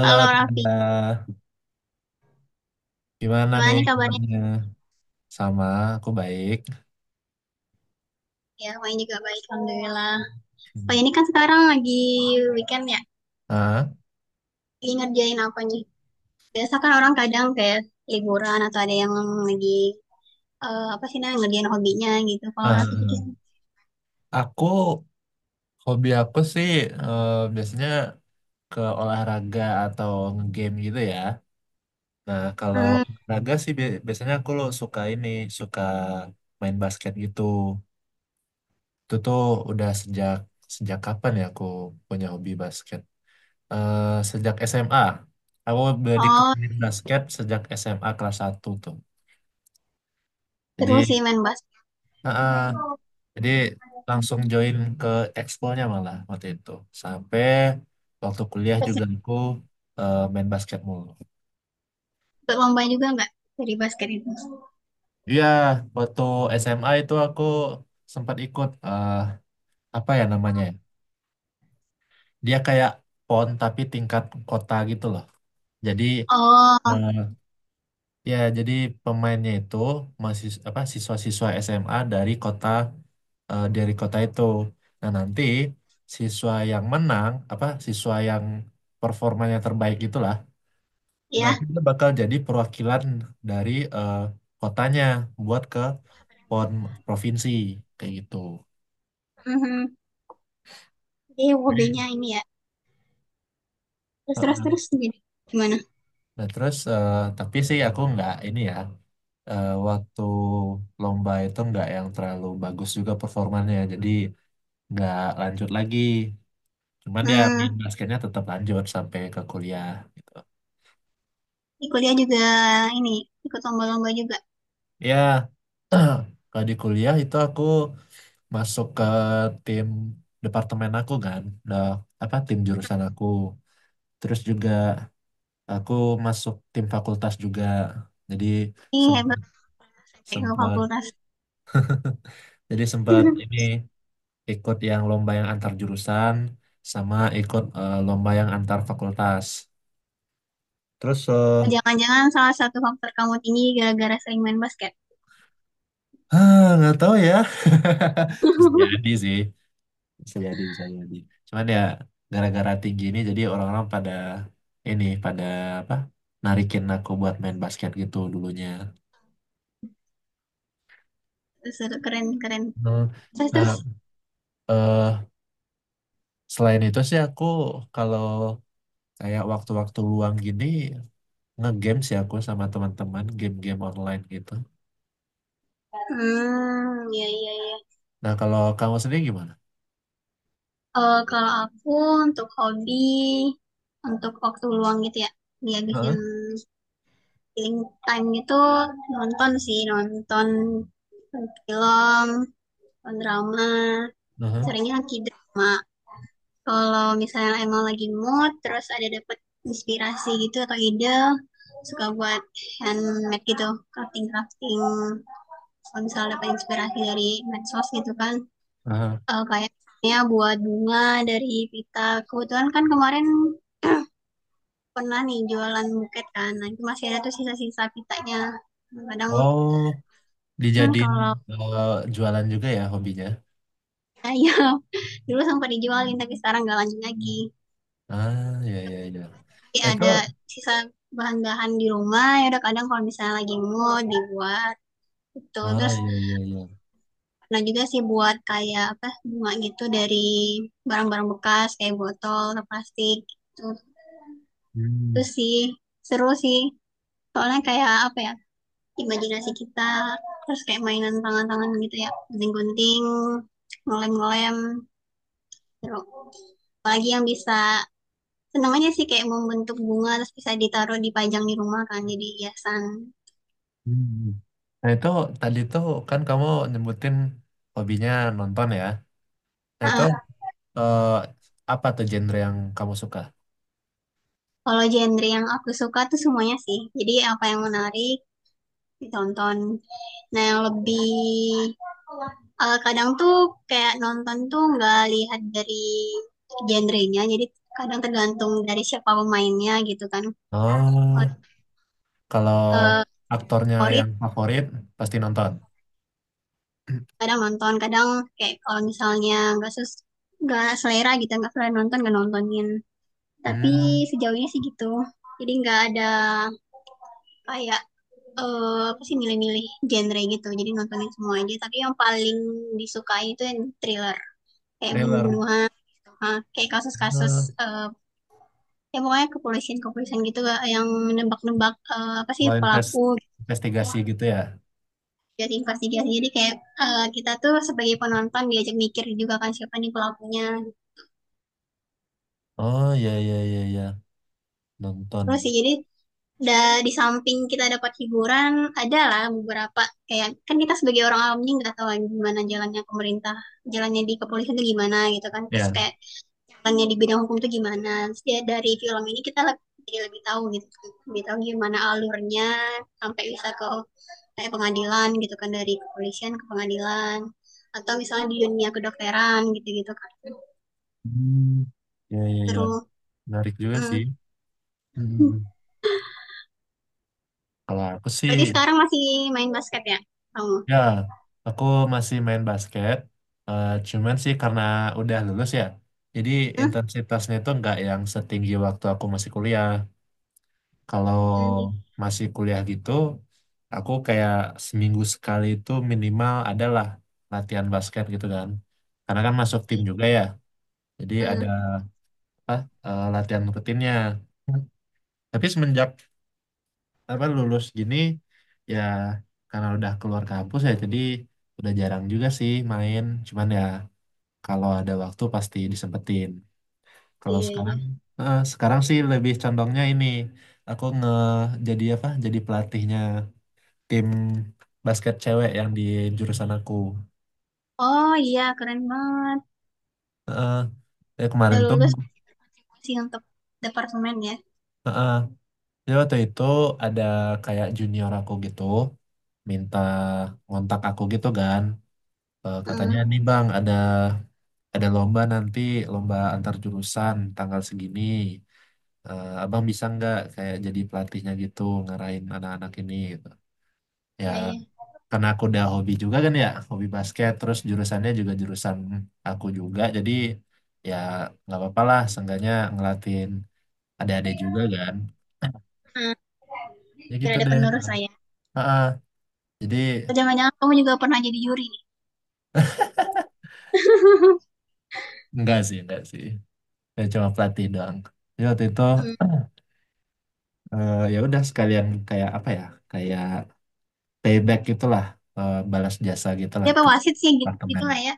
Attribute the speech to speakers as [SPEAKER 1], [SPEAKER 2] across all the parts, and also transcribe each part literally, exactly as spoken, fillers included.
[SPEAKER 1] Halo Raffi,
[SPEAKER 2] Tanda. Gimana
[SPEAKER 1] gimana
[SPEAKER 2] nih
[SPEAKER 1] nih kabarnya?
[SPEAKER 2] kabarnya? Sama, aku baik.
[SPEAKER 1] Ya, Wahyu juga baik, Alhamdulillah. Wah,
[SPEAKER 2] Hmm.
[SPEAKER 1] ini kan sekarang lagi weekend ya,
[SPEAKER 2] Ah,
[SPEAKER 1] lagi ngerjain apanya? Biasa kan orang kadang kayak liburan atau ada yang lagi, eh, apa sih namanya, ngerjain hobinya gitu. Kalau
[SPEAKER 2] ah,
[SPEAKER 1] Raffi gitu,
[SPEAKER 2] ah. Aku, hobi aku sih eh, biasanya ke olahraga atau nge-game gitu ya. Nah, kalau
[SPEAKER 1] hmm,
[SPEAKER 2] olahraga sih bi- biasanya aku lo suka ini, suka main basket gitu. Itu tuh udah sejak sejak kapan ya aku punya hobi basket? Eh, Sejak S M A. Aku udah
[SPEAKER 1] oh,
[SPEAKER 2] dikenalin basket sejak S M A kelas satu tuh. Jadi
[SPEAKER 1] seru sih main basket.
[SPEAKER 2] Heeh. Jadi langsung join ke eksponya malah waktu itu. Sampai waktu kuliah juga
[SPEAKER 1] Ikut
[SPEAKER 2] aku eh, main basket mulu.
[SPEAKER 1] ikut lomba juga nggak dari basket itu?
[SPEAKER 2] Iya, waktu S M A itu aku sempat ikut eh, apa ya namanya ya? Dia kayak P O N tapi tingkat kota gitu loh. Jadi
[SPEAKER 1] Oh,
[SPEAKER 2] eh, Ya, jadi pemainnya itu masih apa siswa-siswa S M A dari kota eh, dari kota itu. Nah, nanti siswa yang menang apa siswa yang performanya terbaik itulah nanti
[SPEAKER 1] ya.
[SPEAKER 2] dia bakal jadi perwakilan dari eh, kotanya buat ke P O N provinsi kayak gitu.
[SPEAKER 1] Mhm. Jadi
[SPEAKER 2] Jadi,
[SPEAKER 1] hobinya ini ya,
[SPEAKER 2] heeh.
[SPEAKER 1] terus-terus-terus jadi gimana?
[SPEAKER 2] Nah, terus eh, tapi sih aku nggak ini ya eh, waktu lomba itu nggak yang terlalu bagus juga performanya. Jadi nggak lanjut lagi. Cuman ya main
[SPEAKER 1] Hmm,
[SPEAKER 2] basketnya tetap lanjut sampai ke kuliah gitu.
[SPEAKER 1] di kuliah juga ini, ikut lomba-lomba juga.
[SPEAKER 2] Ya, kalau di kuliah itu aku masuk ke tim departemen aku kan, udah apa tim jurusan aku. Terus juga aku masuk tim fakultas juga. Jadi
[SPEAKER 1] Ih, hebat
[SPEAKER 2] sempat
[SPEAKER 1] sampai ke
[SPEAKER 2] sempat
[SPEAKER 1] fakultas.
[SPEAKER 2] jadi sempat ini ikut yang lomba yang antar jurusan sama ikut eh, lomba yang antar fakultas. Terus eh,
[SPEAKER 1] Apa jangan-jangan salah satu faktor kamu tinggi gara-gara sering main basket?
[SPEAKER 2] Ah, nggak tahu ya. Bisa jadi sih. Bisa jadi, bisa jadi. Cuman ya gara-gara tinggi ini jadi orang-orang pada ini pada apa? Narikin aku buat main basket gitu dulunya.
[SPEAKER 1] Terus, terus, keren, keren.
[SPEAKER 2] Hmm.
[SPEAKER 1] Terus, terus.
[SPEAKER 2] Nah, eh selain itu sih aku kalau kayak waktu-waktu luang gini nge-game sih aku sama teman-teman game-game online gitu.
[SPEAKER 1] Hmm, iya, iya, iya.
[SPEAKER 2] Nah, kalau kamu sendiri gimana?
[SPEAKER 1] Eh, kalau aku untuk hobi, untuk waktu luang gitu ya, dihabisin
[SPEAKER 2] Heeh.
[SPEAKER 1] killing time gitu, nonton sih, nonton film, nonton drama,
[SPEAKER 2] Heeh.
[SPEAKER 1] seringnya K-drama. Kalau misalnya emang lagi mood, terus ada dapet inspirasi gitu atau ide, suka buat handmade gitu, crafting crafting. Kalau misalnya dapat inspirasi dari medsos gitu kan,
[SPEAKER 2] Heeh.
[SPEAKER 1] eh, kayaknya buat bunga dari pita. Kebetulan kan kemarin pernah nih jualan buket kan, nah itu masih ada tuh sisa-sisa pitanya. Kadang
[SPEAKER 2] Oh,
[SPEAKER 1] hmm,
[SPEAKER 2] dijadiin
[SPEAKER 1] kalau
[SPEAKER 2] eh, jualan juga ya hobinya?
[SPEAKER 1] saya dulu sempat dijualin tapi sekarang nggak lanjut lagi.
[SPEAKER 2] Ah, iya, iya, iya. Itu,
[SPEAKER 1] Ada sisa bahan-bahan di rumah, ya udah, kadang kalau misalnya lagi mood dibuat itu.
[SPEAKER 2] ah,
[SPEAKER 1] Terus
[SPEAKER 2] iya, iya, iya.
[SPEAKER 1] pernah juga sih buat kayak apa bunga gitu dari barang-barang bekas kayak botol atau plastik gitu. Itu
[SPEAKER 2] Hmm,
[SPEAKER 1] sih seru sih, soalnya kayak apa ya, imajinasi kita, terus kayak mainan tangan-tangan gitu ya, gunting-gunting, ngelem-ngelem, seru. Apalagi yang bisa, seneng aja sih kayak membentuk bunga terus bisa ditaruh dipajang di rumah, kan jadi hiasan.
[SPEAKER 2] hmm, hmm. Nah, itu tadi tuh kan kamu nyebutin hobinya nonton ya. Nah, itu
[SPEAKER 1] Ah,
[SPEAKER 2] eh, apa tuh genre yang kamu suka?
[SPEAKER 1] kalau genre yang aku suka tuh semuanya sih. Jadi apa yang menarik ditonton. Nah yang lebih eh, kadang tuh kayak nonton tuh nggak lihat dari genrenya. Jadi kadang tergantung dari siapa pemainnya gitu kan. Kalau,
[SPEAKER 2] Oh, kalau
[SPEAKER 1] eh,
[SPEAKER 2] aktornya
[SPEAKER 1] favorit
[SPEAKER 2] yang favorit pasti nonton.
[SPEAKER 1] kadang nonton, kadang kayak kalau misalnya nggak sus nggak selera gitu, nggak selera nonton nggak nontonin. Tapi
[SPEAKER 2] Hmm,
[SPEAKER 1] sejauhnya sih gitu. Jadi nggak ada kayak eh apa sih milih-milih genre gitu jadi nontonin semua aja tapi yang paling disukai itu yang thriller kayak
[SPEAKER 2] thriller.
[SPEAKER 1] bunuh-bunuhan. Ah, kayak kasus-kasus,
[SPEAKER 2] Hmm,
[SPEAKER 1] eh ya pokoknya kepolisian-kepolisian gitu, eh, yang nebak-nebak, eh, apa sih
[SPEAKER 2] kalau
[SPEAKER 1] pelaku.
[SPEAKER 2] inves- investigasi gitu ya.
[SPEAKER 1] Jadi investigasi, jadi kayak eh, kita tuh sebagai penonton diajak mikir juga kan, siapa nih pelakunya.
[SPEAKER 2] Oh, iya, iya, iya, iya. Nonton.
[SPEAKER 1] Terus sih jadi da, di samping kita dapat hiburan, adalah beberapa kayak kan kita sebagai orang awam ini nggak tahu gimana jalannya pemerintah, jalannya di kepolisian itu gimana gitu kan, terus
[SPEAKER 2] Ya.
[SPEAKER 1] kayak jalannya di bidang hukum itu gimana. Terus ya, dari film ini kita lebih, jadi lebih tahu gitu kan. Lebih tahu gimana alurnya sampai bisa ke kayak pengadilan gitu kan, dari kepolisian ke pengadilan atau misalnya di dunia kedokteran gitu-gitu kan.
[SPEAKER 2] Hmm, iya, iya, iya.
[SPEAKER 1] Terus,
[SPEAKER 2] Menarik juga sih.
[SPEAKER 1] hmm.
[SPEAKER 2] Hmm, Kalau aku sih,
[SPEAKER 1] Berarti sekarang masih main basket ya kamu?
[SPEAKER 2] ya, aku masih main basket. Eh, cuman sih karena udah lulus ya, jadi
[SPEAKER 1] Hmm?
[SPEAKER 2] intensitasnya itu nggak yang setinggi waktu aku masih kuliah. Kalau
[SPEAKER 1] Hmm.
[SPEAKER 2] masih kuliah gitu, aku kayak seminggu sekali itu minimal adalah latihan basket gitu kan. Karena kan masuk tim juga ya, jadi ada
[SPEAKER 1] Hmm.
[SPEAKER 2] apa eh, latihan rutinnya. Tapi semenjak apa lulus gini ya karena udah keluar kampus ya jadi udah jarang juga sih main, cuman ya kalau ada waktu pasti disempetin. Kalau
[SPEAKER 1] Iya, iya.
[SPEAKER 2] sekarang eh, sekarang sih lebih condongnya ini, aku nge jadi apa jadi pelatihnya tim basket cewek yang di jurusan aku.
[SPEAKER 1] Oh iya, keren banget.
[SPEAKER 2] Heeh, ya
[SPEAKER 1] Udah
[SPEAKER 2] kemarin tuh,
[SPEAKER 1] lulus sih untuk departemen ya.
[SPEAKER 2] heeh, ya waktu itu ada kayak junior aku gitu minta ngontak aku gitu kan. Eh, katanya
[SPEAKER 1] Hmm,
[SPEAKER 2] nih, bang, ada ada lomba nanti, lomba antar jurusan tanggal segini. Eh, abang bisa nggak kayak jadi pelatihnya gitu ngarahin anak-anak ini gitu ya.
[SPEAKER 1] iya, iya.
[SPEAKER 2] Karena aku udah hobi juga kan ya hobi basket terus jurusannya juga jurusan aku juga, jadi ya nggak apa-apa lah seenggaknya ngelatin adik-adik juga kan,
[SPEAKER 1] Hmm,
[SPEAKER 2] ya
[SPEAKER 1] tidak
[SPEAKER 2] gitu
[SPEAKER 1] ada
[SPEAKER 2] deh.
[SPEAKER 1] penerus saya.
[SPEAKER 2] Heeh. Jadi
[SPEAKER 1] Atau jangan-jangan kamu juga pernah jadi juri nih.
[SPEAKER 2] enggak sih, enggak sih, ya, cuma pelatih doang. Jadi waktu itu
[SPEAKER 1] Hmm.
[SPEAKER 2] eh, ya udah sekalian kayak apa ya, kayak payback gitulah, eh, balas jasa gitulah
[SPEAKER 1] Ya apa
[SPEAKER 2] ke
[SPEAKER 1] wasit sih gitu, gitu
[SPEAKER 2] apartemen.
[SPEAKER 1] lah ya.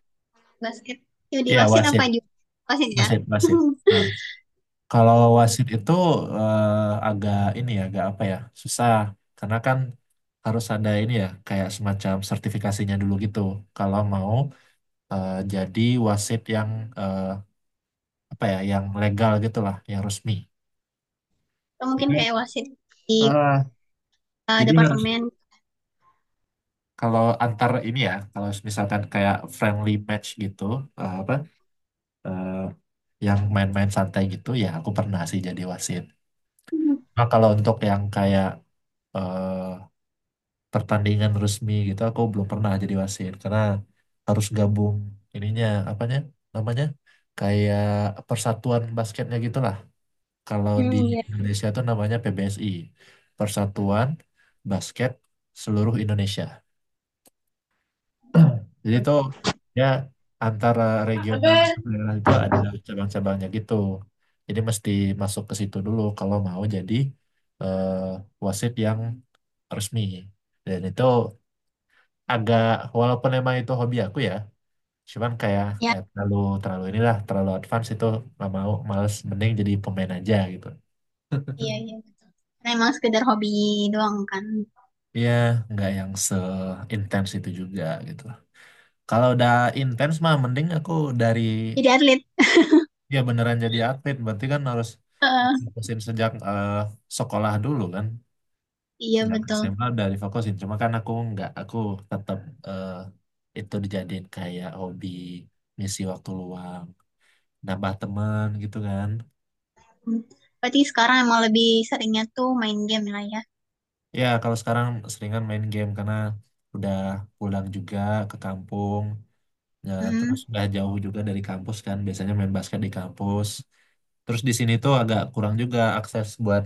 [SPEAKER 1] Basket. Jadi
[SPEAKER 2] Ya,
[SPEAKER 1] wasit apa
[SPEAKER 2] wasit,
[SPEAKER 1] juri? Wasit ya.
[SPEAKER 2] wasit, wasit. Nah, kalau
[SPEAKER 1] Hmm.
[SPEAKER 2] wasit itu eh, agak ini ya, agak apa ya, susah karena kan harus ada ini ya, kayak semacam sertifikasinya dulu gitu. Kalau mau eh, jadi wasit yang eh, apa ya, yang legal gitulah, yang resmi.
[SPEAKER 1] Atau mungkin kayak
[SPEAKER 2] Itu,
[SPEAKER 1] wasit di
[SPEAKER 2] eh,
[SPEAKER 1] uh,
[SPEAKER 2] jadi harus
[SPEAKER 1] departemen.
[SPEAKER 2] kalau antar ini ya, kalau misalkan kayak friendly match gitu, eh, apa? eh, yang main-main santai gitu ya aku pernah sih jadi wasit.
[SPEAKER 1] Hmm,
[SPEAKER 2] Nah, kalau untuk yang kayak eh, pertandingan resmi gitu aku belum pernah jadi wasit karena harus gabung ininya apanya namanya kayak persatuan basketnya gitulah. Kalau
[SPEAKER 1] hmm,
[SPEAKER 2] di
[SPEAKER 1] iya.
[SPEAKER 2] Indonesia tuh namanya P B S I, Persatuan Basket Seluruh Indonesia. Jadi itu ya antara
[SPEAKER 1] Apa?
[SPEAKER 2] regional ke daerah itu ada cabang-cabangnya gitu. Jadi mesti masuk ke situ dulu kalau mau jadi eh, wasit yang resmi. Dan itu agak, walaupun emang itu hobi aku ya, cuman kayak
[SPEAKER 1] Ya,
[SPEAKER 2] eh, terlalu terlalu inilah, terlalu advance itu nggak mau, males, mending jadi pemain aja gitu.
[SPEAKER 1] iya, iya. Betul. Karena emang sekedar hobi doang kan.
[SPEAKER 2] Iya, nggak yang seintens itu juga gitu. Kalau udah intens mah mending aku dari
[SPEAKER 1] Jadi atlet.
[SPEAKER 2] ya beneran jadi atlet, berarti kan harus
[SPEAKER 1] Eh,
[SPEAKER 2] fokusin sejak eh, sekolah dulu kan,
[SPEAKER 1] iya
[SPEAKER 2] sejak
[SPEAKER 1] betul.
[SPEAKER 2] S M A udah difokusin, cuma kan aku nggak, aku tetap eh, itu dijadiin kayak hobi ngisi waktu luang nambah teman gitu kan.
[SPEAKER 1] Hmm. Berarti sekarang emang lebih seringnya tuh main game lah ya.
[SPEAKER 2] Ya kalau sekarang seringan main game karena udah pulang juga ke kampung ya, terus
[SPEAKER 1] Hmm.
[SPEAKER 2] udah jauh juga dari kampus kan, biasanya main basket di kampus, terus di sini tuh agak kurang juga akses buat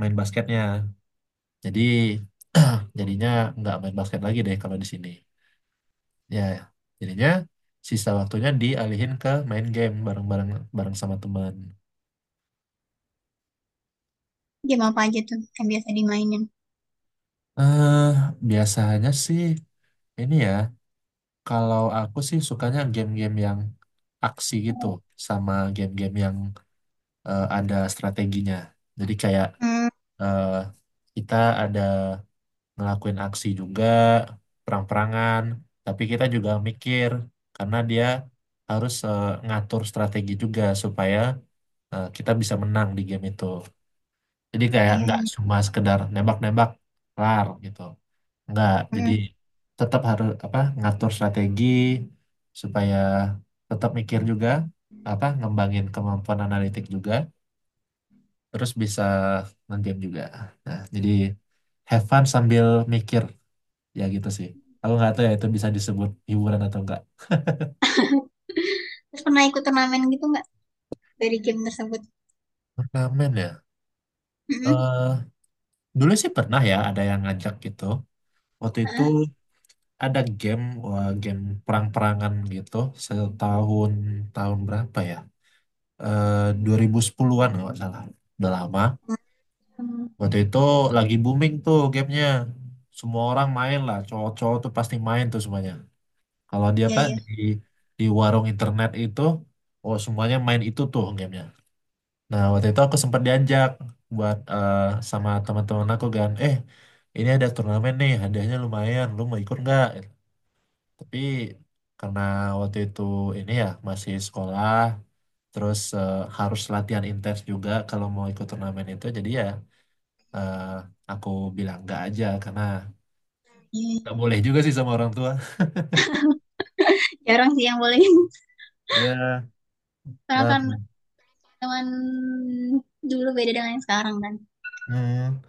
[SPEAKER 2] main basketnya, jadi jadinya nggak main basket lagi deh kalau di sini. Ya, jadinya sisa waktunya dialihin ke main game bareng-bareng bareng sama teman.
[SPEAKER 1] Game apa aja tuh yang biasa dimainin?
[SPEAKER 2] Eh, Biasanya sih ini ya, kalau aku sih sukanya game-game yang aksi gitu sama game-game yang eh, ada strateginya. Jadi kayak
[SPEAKER 1] Hmm.
[SPEAKER 2] eh, kita ada ngelakuin aksi juga, perang-perangan, tapi kita juga mikir karena dia harus eh, ngatur strategi juga supaya eh, kita bisa menang di game itu. Jadi kayak
[SPEAKER 1] Iya,
[SPEAKER 2] nggak
[SPEAKER 1] iya.
[SPEAKER 2] cuma sekedar nembak-nembak kelar gitu. Nggak. Jadi
[SPEAKER 1] Hmm.
[SPEAKER 2] tetap harus apa ngatur strategi supaya tetap mikir juga, apa ngembangin kemampuan analitik juga terus bisa nge-game juga. Nah, jadi have fun sambil mikir, ya gitu sih. Aku nggak tahu ya itu bisa disebut hiburan atau enggak.
[SPEAKER 1] Terus pernah ikut turnamen gitu nggak dari game tersebut?
[SPEAKER 2] Turnamen ya.
[SPEAKER 1] Hmm.
[SPEAKER 2] eh dulu sih pernah ya ada yang ngajak gitu. Waktu itu
[SPEAKER 1] Heeh.
[SPEAKER 2] ada game, wah, game perang-perangan gitu, setahun tahun berapa ya, eh dua ribu sepuluhan-an kalau nggak salah, udah lama.
[SPEAKER 1] Hmm.
[SPEAKER 2] Waktu itu lagi booming tuh gamenya, semua orang main lah, cowok-cowok tuh pasti main tuh semuanya, kalau dia
[SPEAKER 1] Iya,
[SPEAKER 2] apa
[SPEAKER 1] iya.
[SPEAKER 2] di di warung internet itu oh semuanya main itu tuh gamenya. Nah waktu itu aku sempat diajak buat eh, sama teman-teman aku kan, eh ini ada turnamen nih hadiahnya lumayan, lu mau ikut nggak. Tapi karena waktu itu ini ya masih sekolah, terus eh, harus latihan intens juga kalau mau ikut turnamen itu. Jadi ya eh, aku bilang enggak aja karena
[SPEAKER 1] Iya,
[SPEAKER 2] nggak
[SPEAKER 1] iya.
[SPEAKER 2] boleh juga sih sama orang tua.
[SPEAKER 1] Jarang sih yang boleh.
[SPEAKER 2] Ya,
[SPEAKER 1] Karena
[SPEAKER 2] nah,
[SPEAKER 1] kan teman dulu beda dengan yang sekarang kan.
[SPEAKER 2] hmm,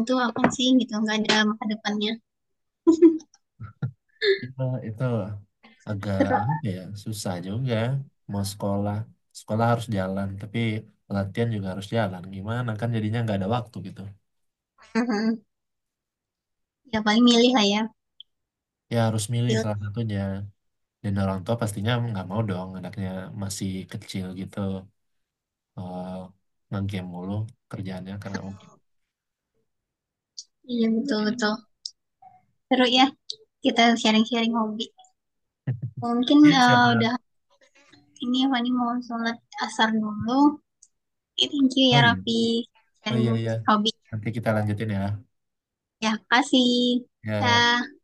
[SPEAKER 1] Itu apa sih gitu, nggak ada masa depannya.
[SPEAKER 2] itu, itu agak
[SPEAKER 1] Seru.
[SPEAKER 2] apa ya susah juga mau sekolah. Sekolah harus jalan, tapi latihan juga harus jalan. Gimana kan jadinya nggak ada waktu gitu.
[SPEAKER 1] Hmm. Ya paling milih lah ya.
[SPEAKER 2] Ya harus milih salah satunya. Dan orang tua pastinya nggak mau dong anaknya masih kecil gitu eh nge-game mulu kerjaannya kan nggak mungkin.
[SPEAKER 1] Iya, betul-betul. Seru ya, kita sharing-sharing hobi. Mungkin
[SPEAKER 2] Iya,
[SPEAKER 1] eh,
[SPEAKER 2] siapa.
[SPEAKER 1] udah. Ini Fani mau sholat asar dulu. Oke, thank you
[SPEAKER 2] Oh
[SPEAKER 1] ya
[SPEAKER 2] iya,
[SPEAKER 1] Raffi.
[SPEAKER 2] oh
[SPEAKER 1] Sharing
[SPEAKER 2] iya, iya,
[SPEAKER 1] hobi.
[SPEAKER 2] nanti kita lanjutin ya,
[SPEAKER 1] Ya, kasih.
[SPEAKER 2] ya.
[SPEAKER 1] Ya.